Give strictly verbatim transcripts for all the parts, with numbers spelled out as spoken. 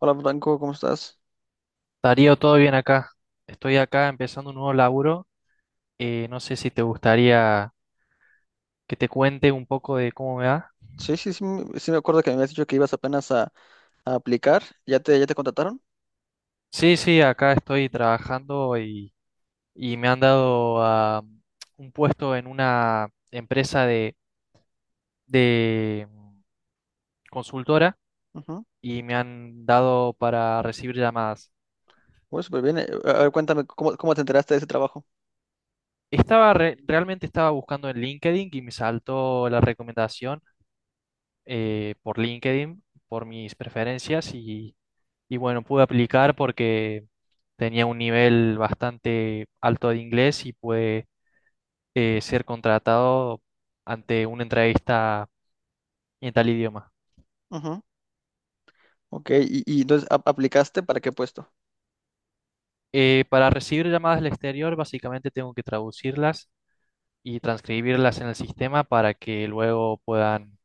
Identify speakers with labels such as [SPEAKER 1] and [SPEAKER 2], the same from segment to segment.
[SPEAKER 1] Hola Franco, ¿cómo estás?
[SPEAKER 2] Darío, todo bien acá. Estoy acá empezando un nuevo laburo. Eh, no sé si te gustaría que te cuente un poco de cómo me va.
[SPEAKER 1] Sí, sí, sí, me sí me acuerdo que me habías dicho que ibas apenas a, a aplicar. ¿Ya te, ya te contrataron?
[SPEAKER 2] Sí, sí, acá estoy trabajando y, y me han dado ah, un puesto en una empresa de, de consultora
[SPEAKER 1] Ujú.
[SPEAKER 2] y me han dado para recibir llamadas.
[SPEAKER 1] Bueno, súper bien. Eh, A a ver, cuéntame, ¿cómo, cómo te enteraste de ese trabajo?
[SPEAKER 2] Estaba re- realmente estaba buscando en LinkedIn y me saltó la recomendación eh, por LinkedIn, por mis preferencias y Y bueno, pude aplicar porque tenía un nivel bastante alto de inglés y pude eh, ser contratado ante una entrevista en tal idioma.
[SPEAKER 1] Ujú. Ok, y, y entonces ¿ap- aplicaste para qué puesto?
[SPEAKER 2] Eh, para recibir llamadas del exterior, básicamente tengo que traducirlas y transcribirlas en el sistema para que luego puedan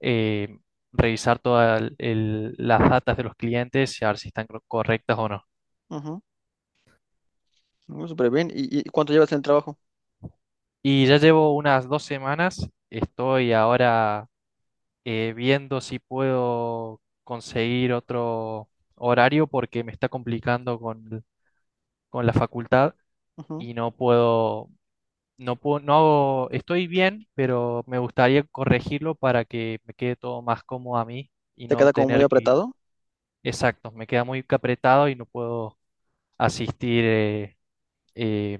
[SPEAKER 2] eh, revisar todas las datas de los clientes y a ver si están cor- correctas o no.
[SPEAKER 1] Ujú. Bueno, súper bien. ¿Y, y cuánto llevas en el trabajo?
[SPEAKER 2] Y ya llevo unas dos semanas, estoy ahora eh, viendo si puedo conseguir otro horario porque me está complicando con, con la facultad
[SPEAKER 1] Ujú.
[SPEAKER 2] y no puedo, no puedo, no hago, estoy bien, pero me gustaría corregirlo para que me quede todo más cómodo a mí y
[SPEAKER 1] ¿Te
[SPEAKER 2] no
[SPEAKER 1] queda como muy
[SPEAKER 2] tener que ir.
[SPEAKER 1] apretado?
[SPEAKER 2] Exacto, me queda muy apretado y no puedo asistir eh, eh,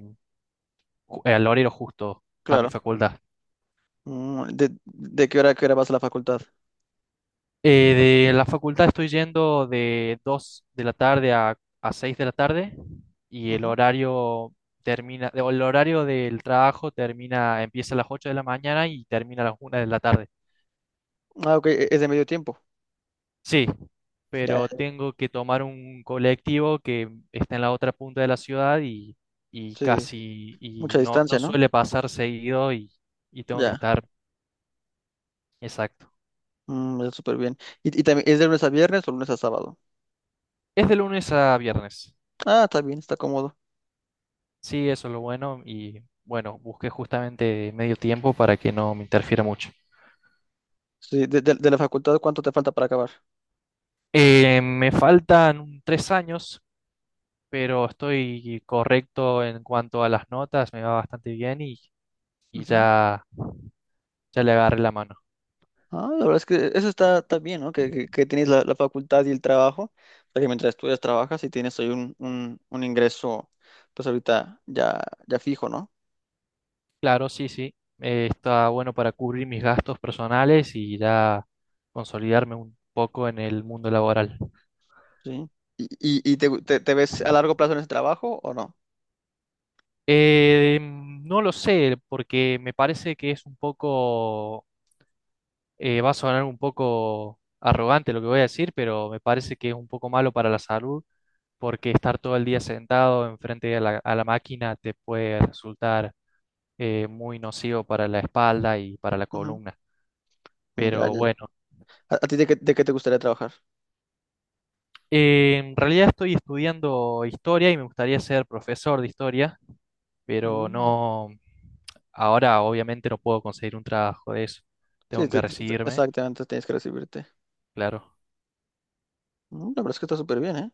[SPEAKER 2] ju- al horario justo a mi
[SPEAKER 1] Claro.
[SPEAKER 2] facultad.
[SPEAKER 1] Mm. ¿De, de qué hora a qué hora vas a la facultad?
[SPEAKER 2] Eh, de la facultad estoy yendo de dos de la tarde a, a seis de la tarde y el
[SPEAKER 1] Ujú.
[SPEAKER 2] horario termina, o el horario del trabajo termina, empieza a las ocho de la mañana y termina a las una de la tarde.
[SPEAKER 1] Ah, ok, e- es de medio tiempo.
[SPEAKER 2] Sí,
[SPEAKER 1] Ya,
[SPEAKER 2] pero
[SPEAKER 1] ya,
[SPEAKER 2] tengo que tomar un colectivo que está en la otra punta de la ciudad y, y
[SPEAKER 1] sí.
[SPEAKER 2] casi, y
[SPEAKER 1] Mucha
[SPEAKER 2] no, no
[SPEAKER 1] distancia, ¿no?
[SPEAKER 2] suele pasar seguido y, y tengo que
[SPEAKER 1] Ya.
[SPEAKER 2] estar exacto.
[SPEAKER 1] Mm, ya, súper bien. ¿Y, y también es de lunes a viernes o lunes a sábado?
[SPEAKER 2] Es de lunes a viernes.
[SPEAKER 1] Ah, está bien, está cómodo.
[SPEAKER 2] Sí, eso es lo bueno y bueno, busqué justamente medio tiempo para que no me interfiera mucho.
[SPEAKER 1] Sí, de, de- de la facultad, ¿cuánto te falta para acabar?
[SPEAKER 2] Eh, me faltan un- tres años, pero estoy correcto en cuanto a las notas, me va bastante bien y, y
[SPEAKER 1] Ujú.
[SPEAKER 2] ya, ya le agarré la mano.
[SPEAKER 1] Ah, la verdad es que eso está, está bien, ¿no? Que, que- que tienes la, la facultad y el trabajo, para que mientras estudias trabajas y tienes ahí un, un- un ingreso, pues ahorita ya, ya fijo, ¿no?
[SPEAKER 2] Claro, sí, sí, eh, está bueno para cubrir mis gastos personales y ya consolidarme un poco en el mundo laboral.
[SPEAKER 1] Sí. ¿Y, y- y te, gu- te- te ves a largo plazo en ese trabajo o no?
[SPEAKER 2] Eh, no lo sé, porque me parece que es un poco. Eh, va a sonar un poco arrogante lo que voy a decir, pero me parece que es un poco malo para la salud, porque estar todo el día sentado enfrente a la, a la, máquina te puede resultar eh, muy nocivo para la espalda y para la
[SPEAKER 1] Ujú.
[SPEAKER 2] columna.
[SPEAKER 1] Ya,
[SPEAKER 2] Pero
[SPEAKER 1] ya, ya.
[SPEAKER 2] bueno,
[SPEAKER 1] ¿A, a ti de qué, de qué te gustaría trabajar?
[SPEAKER 2] eh, en realidad estoy estudiando historia y me gustaría ser profesor de historia, pero
[SPEAKER 1] Mm.
[SPEAKER 2] no, ahora obviamente no puedo conseguir un trabajo de eso.
[SPEAKER 1] Sí,
[SPEAKER 2] Tengo que
[SPEAKER 1] te- te- te-
[SPEAKER 2] recibirme,
[SPEAKER 1] exactamente, tienes que recibirte.
[SPEAKER 2] claro.
[SPEAKER 1] Mm. La verdad es que está súper bien, ¿eh?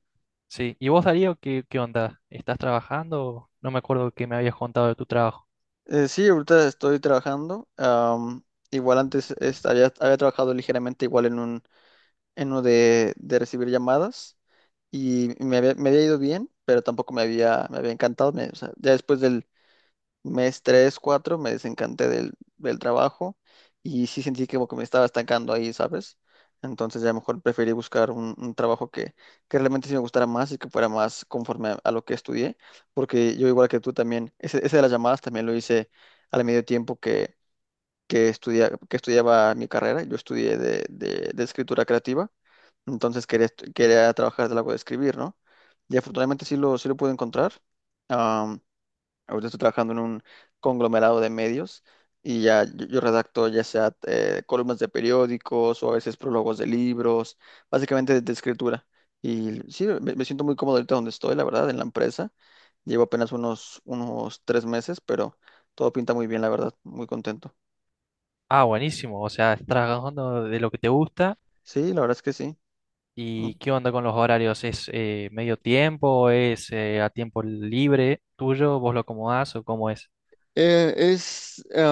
[SPEAKER 2] Sí, ¿y vos, Darío, qué, qué onda? ¿Estás trabajando? No me acuerdo que me habías contado de tu trabajo.
[SPEAKER 1] Eh, sí, ahorita estoy trabajando. Am, igual antes es- había, había trabajado ligeramente igual en un, en uno de, de recibir llamadas y me había, me había ido bien, pero tampoco me había, me había encantado. Me- o sea, ya después del, mes tres cuatro me desencanté del, del trabajo y sí sentí que como que me estaba estancando ahí, ¿sabes? Entonces ya mejor preferí buscar un, un trabajo que, que realmente sí me gustara más y que fuera más conforme a, a lo que estudié, porque yo igual que tú también, ese, ese de las llamadas también lo hice al medio tiempo que, que, estudia- que estudiaba mi carrera, yo estudié de, de- de escritura creativa, entonces quería, estu- quería trabajar de algo de escribir, ¿no? Y afortunadamente sí lo, sí lo pude encontrar. Ahorita estoy trabajando en un conglomerado de medios y ya yo, yo redacto ya sea eh, columnas de periódicos o a veces prólogos de libros, básicamente de, de escritura. Y sí, me, me siento muy cómodo ahorita donde estoy, la verdad, en la empresa. Llevo apenas unos, unos tres meses, pero todo pinta muy bien, la verdad, muy contento.
[SPEAKER 2] Ah, buenísimo, o sea, estás trabajando de lo que te gusta.
[SPEAKER 1] Sí, la verdad es que sí.
[SPEAKER 2] ¿Y qué onda con los horarios? ¿Es eh, medio tiempo? ¿Es eh, a tiempo libre tuyo? ¿Vos lo acomodás o cómo es?
[SPEAKER 1] Eh, es em,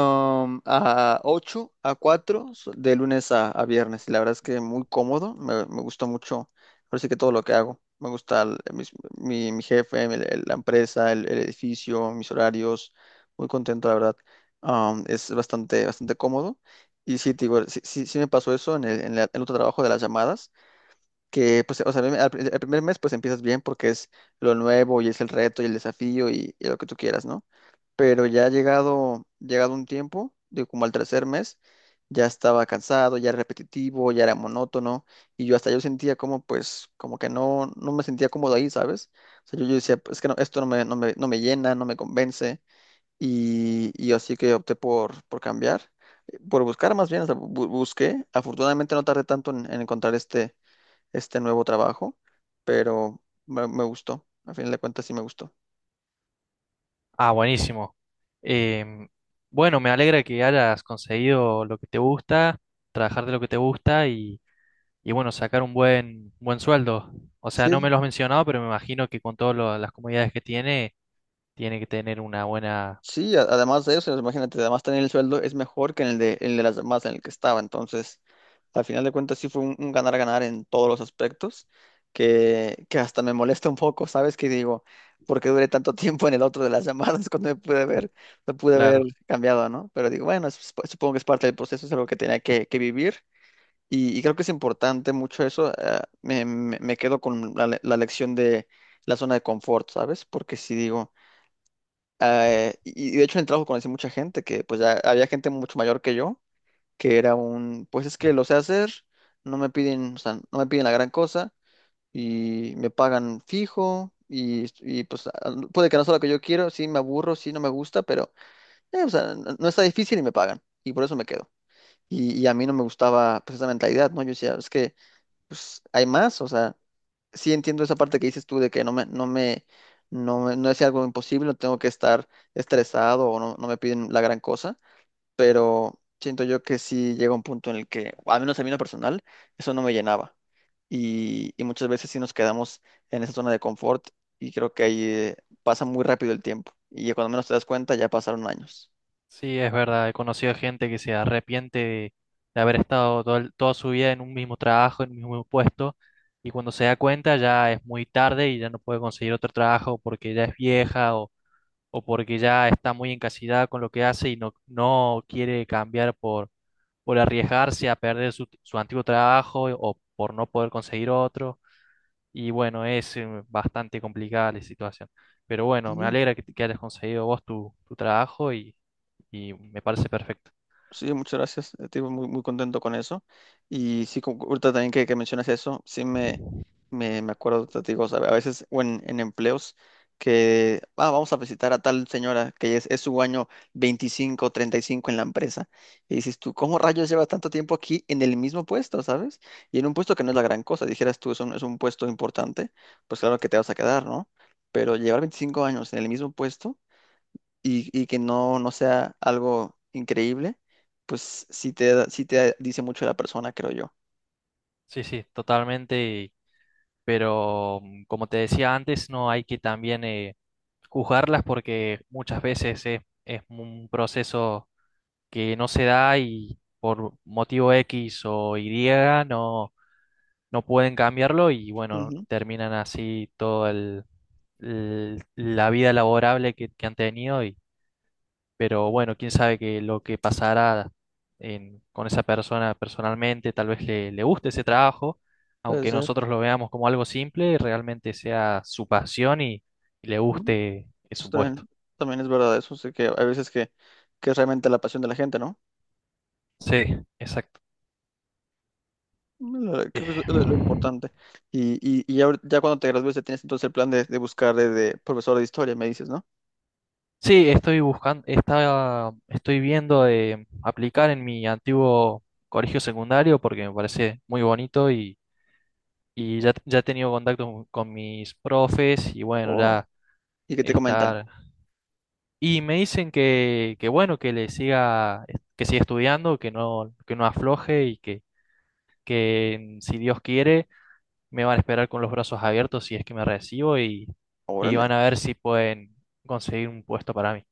[SPEAKER 1] a ocho a cuatro so- de lunes a, a viernes. Y la verdad es que muy cómodo. Me, me gusta mucho. Ahora sí que todo lo que hago. Me gusta el- mis- mi, mi jefe, el- el- la empresa, el, el edificio, mis horarios. Muy contento, la verdad. Am, es bastante, bastante cómodo. Y sí, te digo, sí, sí, sí me pasó eso en el, en la- el otro trabajo de las llamadas. Que, pues, o sea, al el primer mes, pues empiezas bien porque es lo nuevo y es el reto y el desafío y y lo que tú quieras, ¿no? Pero ya llegado, llegado un tiempo, de como al tercer mes, ya estaba cansado, ya era repetitivo, ya era monótono, y yo hasta yo sentía como, pues, como que no, no me sentía cómodo ahí, ¿sabes? O sea, yo, yo decía, "Pues, es que no, esto no me, no me, no me llena, no me convence, y, y así que opté por, por cambiar, eh, por buscar más bien, o sea, bu- busqué, afortunadamente no tardé tanto en, en encontrar este, este nuevo trabajo, pero me, me gustó, a fin de cuentas sí me gustó.
[SPEAKER 2] Ah, buenísimo. Em, bueno, me alegra que hayas conseguido lo que te gusta, trabajar de lo que te gusta y, y bueno, sacar un buen, buen sueldo. O sea, no me lo has mencionado, pero me imagino que con todas lo- las comodidades que tiene Tiene que tener una buena...
[SPEAKER 1] Sí, a- además de eso, imagínate, además tener el sueldo es mejor que en el de, el de las demás en el que estaba. Entonces, al final de cuentas, sí fue un un ganar-ganar en todos los aspectos, que, que hasta me molesta un poco, ¿sabes? Que digo, ¿por qué duré tanto tiempo en el otro de las llamadas cuando me pude ver, me pude haber
[SPEAKER 2] Claro,
[SPEAKER 1] cambiado, ¿no? Pero digo, bueno, es- supongo que es parte del proceso, es algo que tenía que, que vivir. Y, y creo que es importante mucho eso. Eh, me, me- me quedo con la, le- la lección de la zona de confort, ¿sabes? Porque si digo eh, y y de hecho en el trabajo conocí mucha gente que pues ya había gente mucho mayor que yo, que era un, pues es que lo sé hacer, no me piden, o sea, no me piden la gran cosa y me pagan fijo y, y, pues a- puede que no sea lo que yo quiero, sí me aburro, sí no me gusta, pero eh, o sea, no, no está difícil y me pagan y por eso me quedo. Y, y a mí no me gustaba pues esa mentalidad, ¿no? Yo decía, es que pues hay más, o sea, sí entiendo esa parte que dices tú de que no me, no me, no me- no es algo imposible, no tengo que estar estresado o no, no me piden la gran cosa, pero siento yo que sí llega un punto en el que, al menos a mí en lo personal, eso no me llenaba. Y, y muchas veces sí nos quedamos en esa zona de confort y creo que ahí eh, pasa muy rápido el tiempo. Y cuando menos te das cuenta, ya pasaron años.
[SPEAKER 2] sí, es verdad. He conocido gente que se arrepiente de, de haber estado todo el- toda su vida en un mismo trabajo, en un mismo puesto, y cuando se da cuenta ya es muy tarde y ya no puede conseguir otro trabajo porque ya es vieja o, o porque ya está muy encasillada con lo que hace y no, no quiere cambiar por, por arriesgarse a perder su, su antiguo trabajo o por no poder conseguir otro. Y bueno, es eh, bastante complicada la situación. Pero bueno, me alegra que, que hayas conseguido vos tu, tu trabajo y, y me parece perfecto.
[SPEAKER 1] Sí, muchas gracias. Estoy muy, muy contento con eso. Y sí, como ahorita también que, que mencionas eso, sí me, me, me acuerdo, te digo, o sea, a veces o en, en empleos que ah, vamos a visitar a tal señora que es, es su año veinticinco, treinta y cinco en la empresa. Y dices tú, ¿cómo rayos llevas tanto tiempo aquí en el mismo puesto, sabes? Y en un puesto que no es la gran cosa, dijeras tú, es un, es un puesto importante, pues claro que te vas a quedar, ¿no? Pero llevar veinticinco años en el mismo puesto y, y que no, no sea algo increíble, pues sí te, da- sí te dice mucho de la persona, creo yo.
[SPEAKER 2] Sí, sí, totalmente. Y- pero mm, como te decía antes, no hay que también eh, juzgarlas porque muchas veces es, es un proceso que no se da y por motivo X o Y no. no pueden cambiarlo y bueno,
[SPEAKER 1] Ujú,
[SPEAKER 2] terminan así todo el, el- la vida laborable que, que han tenido y pero bueno, quién sabe que lo que pasará en- con esa persona personalmente, tal vez le, le guste ese trabajo,
[SPEAKER 1] puede
[SPEAKER 2] aunque
[SPEAKER 1] ser.
[SPEAKER 2] nosotros lo veamos como algo simple, realmente sea su pasión y, y le
[SPEAKER 1] ¿No?
[SPEAKER 2] guste su
[SPEAKER 1] Esto
[SPEAKER 2] puesto.
[SPEAKER 1] también, también es verdad eso, sé que hay veces que, que es realmente la pasión de la gente, ¿no?
[SPEAKER 2] Sí, exacto.
[SPEAKER 1] Mm. Lo-
[SPEAKER 2] Eh,
[SPEAKER 1] Creo que es lo, lo importante. Y, y, y ya, ahor- ya cuando te gradúes, ya tienes entonces el plan de, de buscar de, de profesor de historia, me dices, ¿no?
[SPEAKER 2] Sí, estoy buscando, está, estoy viendo de aplicar en mi antiguo colegio secundario porque me parece muy bonito y, y ya, ya he tenido contacto con con mis profes y bueno,
[SPEAKER 1] Oh.
[SPEAKER 2] ya
[SPEAKER 1] ¿Y qué te comentan?
[SPEAKER 2] estar. Y me dicen que, que bueno, que le siga, que siga estudiando, que no, que no afloje y que, que si Dios quiere, me van a esperar con los brazos abiertos si es que me recibo y, y
[SPEAKER 1] Órale.
[SPEAKER 2] van a ver si pueden conseguir un puesto para mí.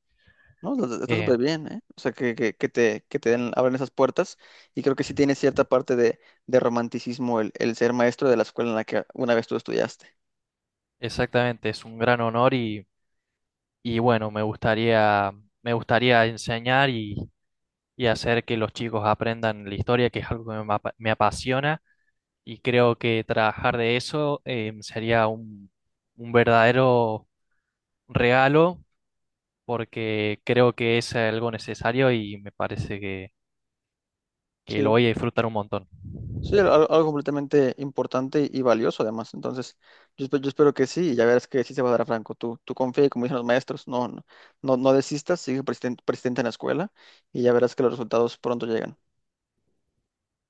[SPEAKER 1] No, lo- está
[SPEAKER 2] Eh,
[SPEAKER 1] súper bien, ¿eh? O sea, que, que, que te, que te den- abran esas puertas y creo que sí tiene cierta parte de, de romanticismo el, el ser maestro de la escuela en la que una vez tú estudiaste.
[SPEAKER 2] Exactamente, es un gran honor y, y bueno, me gustaría, me gustaría enseñar y, y hacer que los chicos aprendan la historia, que es algo que me, apa- me apasiona y creo que trabajar de eso eh, sería un, un verdadero regalo porque creo que es algo necesario y me parece que, que lo
[SPEAKER 1] Sí,
[SPEAKER 2] voy a disfrutar un montón.
[SPEAKER 1] sí, al- al- algo, completamente importante y valioso además. Entonces, yo, espe- yo espero que sí, y ya verás que sí se va a dar a Franco. Tú, tú confía y como dicen los maestros, no, no, no, no desistas, sigue persisten- persistente en la escuela y ya verás que los resultados pronto llegan,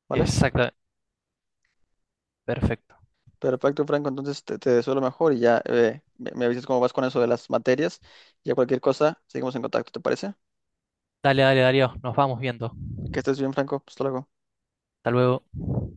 [SPEAKER 1] ¿vale?
[SPEAKER 2] Exacto, perfecto.
[SPEAKER 1] Perfecto, Franco. Entonces te, te deseo lo mejor y ya eh, me, me avisas cómo vas con eso de las materias. Ya cualquier cosa, seguimos en contacto, ¿te parece?
[SPEAKER 2] Dale, dale, Darío, nos vamos viendo.
[SPEAKER 1] Que estés bien, Franco. Hasta luego.
[SPEAKER 2] Hasta luego.